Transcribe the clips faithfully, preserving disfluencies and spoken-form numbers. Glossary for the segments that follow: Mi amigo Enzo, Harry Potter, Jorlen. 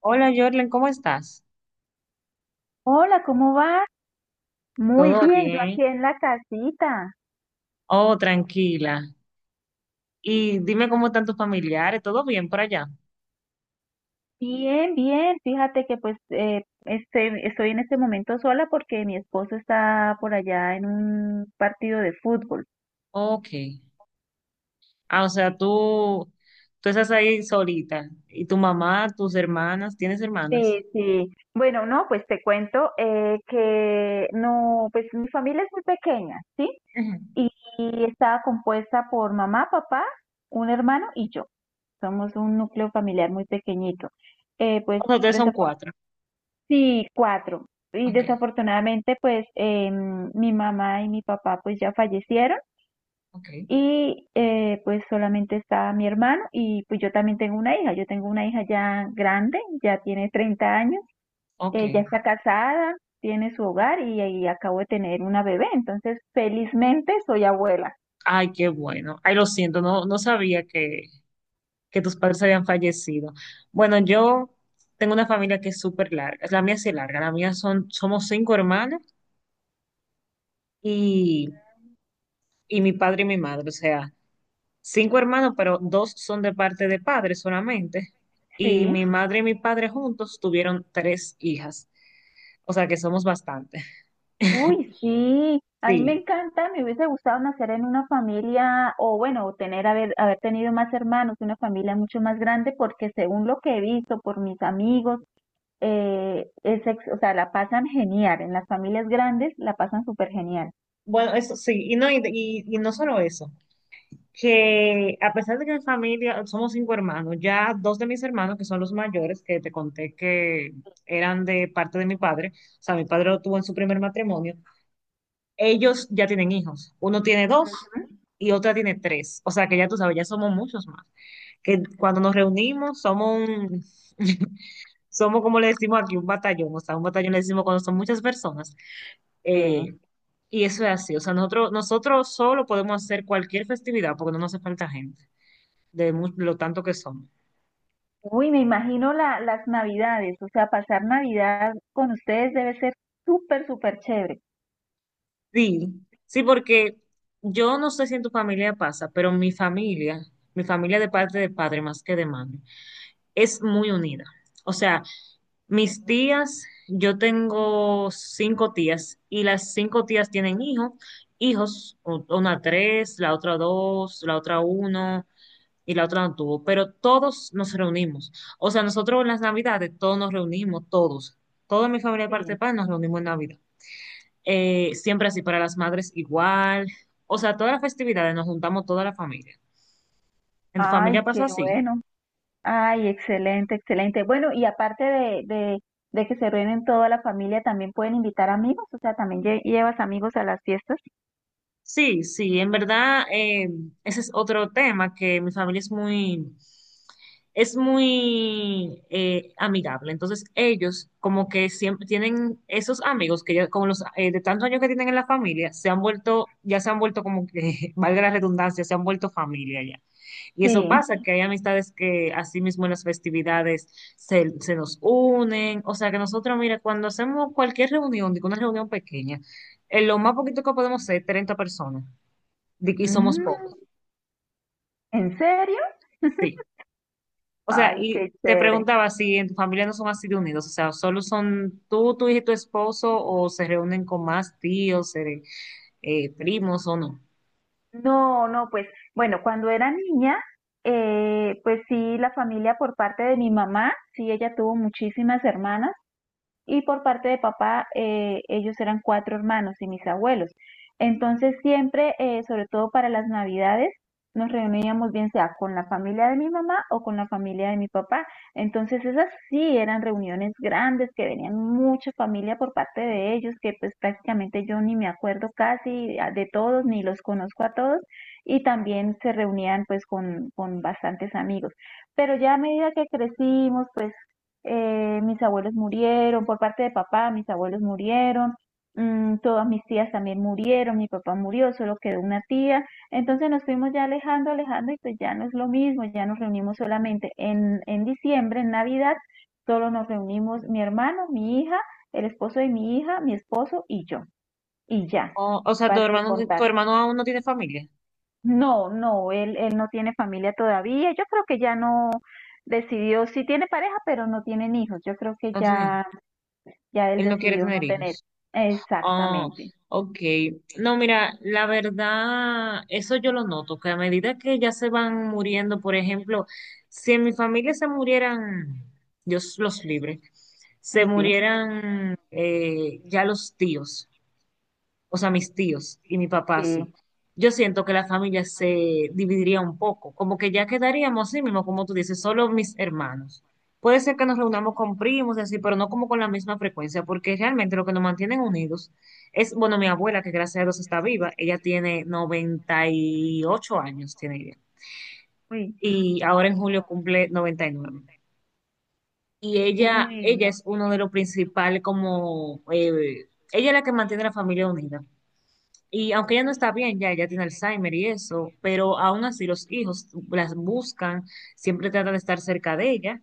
Hola, Jorlen, ¿cómo estás? Hola, ¿cómo vas? Muy ¿Todo bien, yo bien? aquí en la casita. Oh, tranquila. Y dime cómo están tus familiares, ¿todo bien por allá? Bien, bien. Fíjate que pues eh, este, estoy en este momento sola porque mi esposo está por allá en un partido de fútbol. Ok. Ah, o sea, tú, tú estás ahí solita. ¿Y tu mamá, tus hermanas? ¿Tienes hermanas? Sí, sí. Bueno, no, pues te cuento eh, que no, pues mi familia es muy pequeña, ¿sí? Ujú. Y, y está compuesta por mamá, papá, un hermano y yo. Somos un núcleo familiar muy pequeñito. Eh, pues O sea, ustedes son cuatro. Sí, cuatro. Y Ok, desafortunadamente, pues eh, mi mamá y mi papá pues ya fallecieron ok, y eh, pues solamente está mi hermano y pues yo también tengo una hija. Yo tengo una hija ya grande, ya tiene treinta años, ok. eh, ya está casada, tiene su hogar y, y acabo de tener una bebé. Entonces, felizmente soy abuela. Ay, qué bueno. Ay, lo siento, no, no sabía que, que tus padres habían fallecido. Bueno, yo tengo una familia que es súper larga. La mía sí es larga. La mía son, somos cinco hermanas. Y y mi padre y mi madre, o sea, cinco hermanos, pero dos son de parte de padre solamente. Y Sí. mi madre y mi padre juntos tuvieron tres hijas, o sea que somos bastante. Uy, sí, a mí me Sí, encanta, me hubiese gustado nacer en una familia o bueno, tener haber, haber tenido más hermanos, una familia mucho más grande, porque según lo que he visto por mis amigos, eh, es, ex- o sea, la pasan genial, en las familias grandes la pasan súper genial. bueno, eso sí, y no, y, y- y no solo eso, que a pesar de que mi familia, somos cinco hermanos, ya dos de mis hermanos, que son los mayores, que te conté que eran de parte de mi padre, o sea, mi padre lo tuvo en su primer matrimonio, ellos ya tienen hijos. Uno tiene dos y otra tiene tres. O sea que ya tú sabes, ya somos muchos más. Que cuando nos reunimos somos un, somos como le decimos aquí, un batallón. O sea, un batallón le decimos cuando son muchas personas. Sí. Eh, y eso es así. O sea, nosotros, nosotros solo podemos hacer cualquier festividad porque no nos hace falta gente, de mu- lo tanto que somos. Uy, me imagino la, las navidades, o sea, pasar Navidad con ustedes debe ser súper, súper chévere. Sí, sí, porque yo no sé si en tu familia pasa, pero mi familia, mi familia de parte de padre más que de madre, es muy unida. O sea, Mis tías, yo tengo cinco tías y las cinco tías tienen hijos, hijos, u- una tres, la otra dos, la otra uno y la otra no tuvo, pero todos nos reunimos. O sea, nosotros en las Navidades todos nos reunimos, todos, toda mi familia de parte de Sí. padre nos reunimos en Navidad. Eh, siempre así para las madres igual. O sea, todas las festividades nos juntamos toda la familia. ¿En tu Ay, familia pasa qué así? bueno. Ay, excelente, excelente. Bueno, y aparte de, de, de que se reúnen toda la familia, también pueden invitar amigos, o sea, también lle- llevas amigos a las fiestas. Sí, sí, en verdad, eh, ese es otro tema que mi familia es muy, es muy eh, amigable. Entonces, ellos como que siempre tienen esos amigos que ya, como los eh, de tantos años que tienen en la familia, se han vuelto, ya se han vuelto como que, valga la redundancia, se han vuelto familia y eso Sí. pasa, que hay amistades que así mismo en las festividades se, se nos unen. O sea que nosotros, mira, cuando hacemos cualquier reunión, digo una reunión pequeña, eh, lo más poquito que podemos ser treinta personas. di- Y somos Mm, pocos, ¿en serio? sí. O sea, Ay, y qué te chévere. preguntaba si en tu familia no son así de unidos, o sea, solo son tú, tu hija y tu esposo, o se reúnen con más tíos, eh, eh, primos o no. No, no, pues bueno, cuando era niña, eh, pues sí, la familia por parte de mi mamá, sí, ella tuvo muchísimas hermanas. Y por parte de papá eh, ellos eran cuatro hermanos y mis abuelos. Entonces siempre, eh, sobre todo para las navidades, nos reuníamos bien sea con la familia de mi mamá o con la familia de mi papá. Entonces esas sí eran reuniones grandes que venían mucha familia por parte de ellos, que pues prácticamente yo ni me acuerdo casi de todos, ni los conozco a todos, y también se reunían pues con, con bastantes amigos. Pero ya a medida que crecimos, pues eh, mis abuelos murieron, por parte de papá, mis abuelos murieron, mm, todas mis tías también murieron, mi papá murió, solo quedó una tía, entonces nos fuimos ya alejando, alejando y pues ya no es lo mismo, ya nos reunimos solamente en, en diciembre, en Navidad, solo nos reunimos mi hermano, mi hija, el esposo de mi hija, mi esposo y yo, y ya, O, o sea, tu pare de hermano, tu contar. hermano aún no tiene familia, No, no, él, él no tiene familia todavía, yo creo que ya no decidió, sí tiene pareja, pero no tienen hijos, yo creo que no tiene, ya ya él él no quiere decidió tener no tener. hijos. Ah, Exactamente. ok. No, mira, la verdad, eso yo lo noto, que a medida que ya se van muriendo, por ejemplo, si en mi familia se murieran, Dios los libre, se Uy, sí, murieran eh, ya los tíos o sea, mis tíos y mi papá sí, sí. yo siento que la familia se dividiría un poco, como que ya quedaríamos así mismo, como tú dices, solo mis hermanos. Puede ser que nos reunamos con primos y así, pero no como con la misma frecuencia, porque realmente lo que nos mantienen unidos es, bueno, mi abuela, que gracias a Dios está viva, ella tiene noventa y ocho años, tiene ella, Uy, y ahora en julio cumple noventa y nueve. Y nueve. Y ella, uy, ella no. es uno de los principales como, eh, ella es la que mantiene la familia unida. Y aunque ella no está bien, ya ella tiene Alzheimer y eso, pero aún así los hijos las buscan, siempre tratan de estar cerca de ella.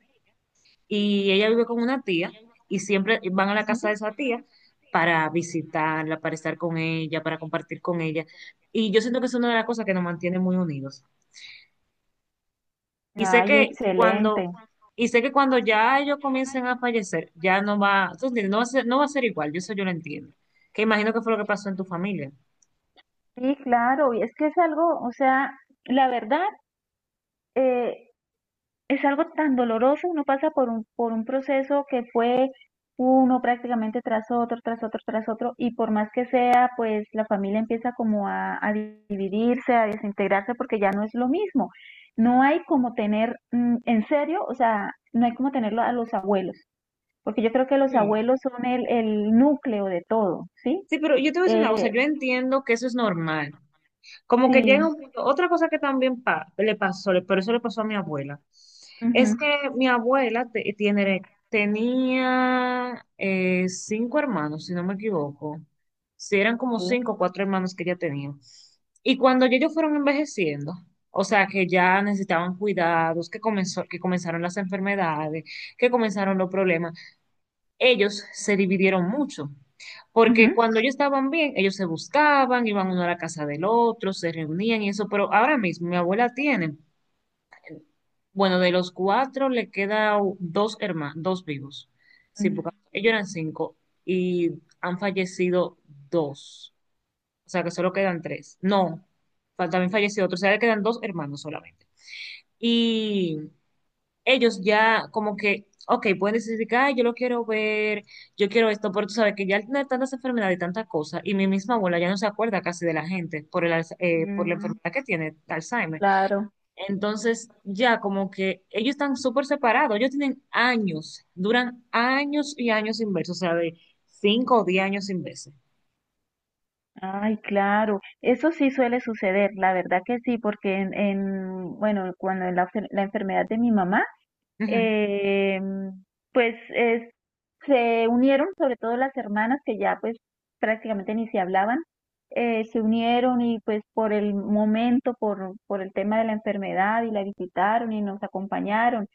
Y ella vive con una tía y siempre van a la casa Ujú. de esa tía para visitarla, para estar con ella, para compartir con ella. Y yo siento que es una de las cosas que nos mantiene muy unidos. Y sé Ay, que cuando, excelente. y sé que cuando ya ellos comiencen a fallecer, ya no va, tú entiendes, No va a ser, no va a ser igual, yo eso yo lo entiendo. Que imagino que fue lo que pasó en tu familia. Sí, claro, y es que es algo, o sea, la verdad, es algo tan doloroso, uno pasa por un, por un proceso que fue uno prácticamente tras otro, tras otro, tras otro, y por más que sea, pues la familia empieza como a, a dividirse, a desintegrarse, porque ya no es lo mismo. No hay como tener, mm, en serio, o sea, no hay como tenerlo a los abuelos, porque yo creo que los Sí. abuelos son el, el núcleo de todo, ¿sí? Sí, pero yo te voy a decir una cosa, Eh, yo entiendo que eso es normal. Como que llega sí, un punto, otra cosa que también pa- le pasó, le- pero eso le pasó a mi abuela, es ujú, que mi abuela te- tiene, tenía eh, cinco hermanos, si no me equivoco. Si eran como sí, cinco o cuatro hermanos que ella tenía. Y cuando ya ellos fueron envejeciendo, o sea, que ya necesitaban cuidados, que comenzó, que comenzaron las enfermedades, que comenzaron los problemas ellos se dividieron mucho, ujú, porque cuando ellos estaban bien, ellos se buscaban, iban uno a la casa del otro, se reunían y eso, pero ahora mismo mi abuela tiene, bueno, de los cuatro le quedan dos hermanos, dos vivos, sí, ujú, porque ellos eran cinco y han fallecido dos, o sea que solo quedan tres, no, fa- también falleció otro, o sea, le quedan dos hermanos solamente ellos ya como que, ok, pueden decidir que, ay, yo lo quiero ver, yo quiero esto, pero tú sabes que ya al tener tantas enfermedades y tantas cosas, y mi misma abuela ya no se acuerda casi de la gente por el, alza- eh, por la mm, enfermedad que tiene, Alzheimer. claro. Entonces, ya como que ellos están súper separados, ellos tienen años, duran años y años sin verse, o sea, de cinco o diez años sin verse. Ay, claro, eso sí suele suceder, la verdad que sí, porque en, en, bueno, cuando la, enfer- la enfermedad de mi mamá, Ujú. eh, pues es- se unieron, sobre todo las hermanas que ya pues prácticamente ni se hablaban, eh, se unieron y pues por el momento, por, por el tema de la enfermedad y la visitaron y nos acompañaron,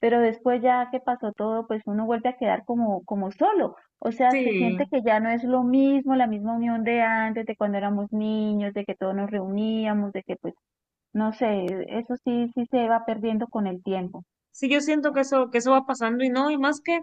pero después ya que pasó todo, pues uno vuelve a quedar como, como solo, o sea, se Sí, siente que ya no es lo mismo, la misma unión de antes, de cuando éramos niños, de que todos nos reuníamos, de que pues, no sé, eso sí, sí se va perdiendo con el tiempo. Sí, yo siento que eso, que eso va pasando y no, y más que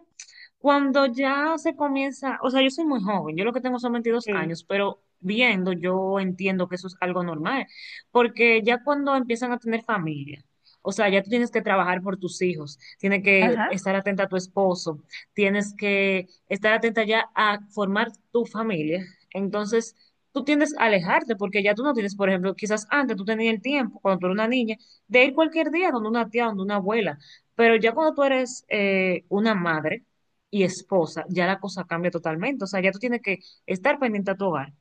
cuando ya se comienza, o sea, yo soy muy joven, yo lo que tengo son veintidós Sí. años, pero viendo yo entiendo que eso es algo normal, porque ya cuando empiezan a tener familia, o sea, ya tú tienes que trabajar por tus hijos, tienes que Ajá. estar atenta a tu esposo, tienes que estar atenta ya a formar tu familia, entonces tú tiendes a alejarte porque ya tú no tienes, por ejemplo, quizás antes tú tenías el tiempo, cuando tú eras una niña, de ir cualquier día donde una tía, donde una abuela pero ya cuando tú eres eh, una madre y esposa, ya la cosa cambia totalmente. O sea, ya tú tienes que estar pendiente a tu hogar,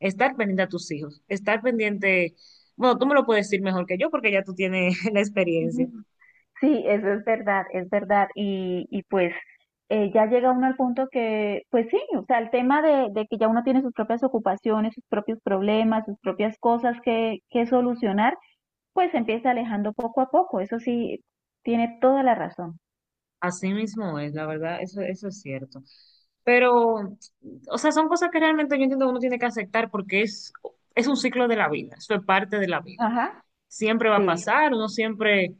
estar pendiente a tus hijos, estar pendiente, bueno, tú me lo puedes decir mejor que yo porque ya tú tienes la experiencia. Ujú. Sí, eso es verdad, es verdad. Y, y pues eh, ya llega uno al punto que, pues sí, o sea, el tema de, de que ya uno tiene sus propias ocupaciones, sus propios problemas, sus propias cosas que, que solucionar, pues se empieza alejando poco a poco. Eso sí, tiene toda la razón. Así mismo es, la verdad, eso, eso es cierto. Pero, o sea, son cosas que realmente yo entiendo que uno tiene que aceptar porque es, es un ciclo de la vida, eso es parte de la vida. Ajá, Siempre va a sí. pasar, uno siempre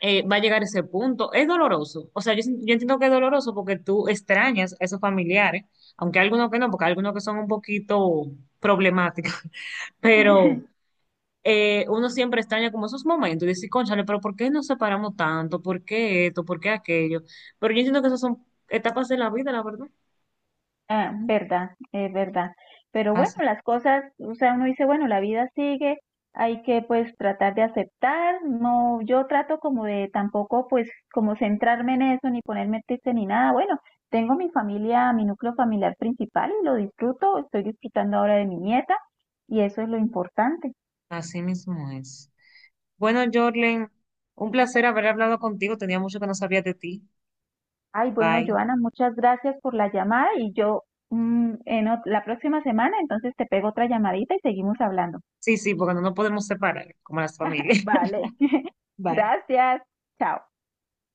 eh, va a llegar ese punto. Es doloroso. O sea, yo, sin- yo entiendo que es doloroso porque tú extrañas a esos familiares, aunque hay algunos que no, porque hay algunos que son un poquito problemáticos, pero eh, uno siempre extraña como esos momentos y dice, cónchale, pero ¿por qué nos separamos tanto? ¿Por qué esto? ¿Por qué aquello? Pero yo entiendo que esas son etapas de la vida, la verdad. Ah, verdad, es verdad. Pero bueno, Así, las cosas, o sea, uno dice, bueno, la vida sigue, hay que pues tratar de aceptar, no, yo trato como de tampoco pues como centrarme en eso, ni ponerme triste ni nada. Bueno, tengo mi familia, mi núcleo familiar principal y lo disfruto, estoy disfrutando ahora de mi nieta y eso es lo importante. así mismo es. Bueno, Jorlen, un placer haber hablado contigo. Tenía mucho que no sabía de ti. Ay, bueno, Bye. Joana, muchas gracias por la llamada y yo mm, en ot- la próxima semana entonces te pego otra llamadita y seguimos hablando. Sí, sí, porque no nos podemos separar, como las familias. Vale. Bye. Gracias. Chao.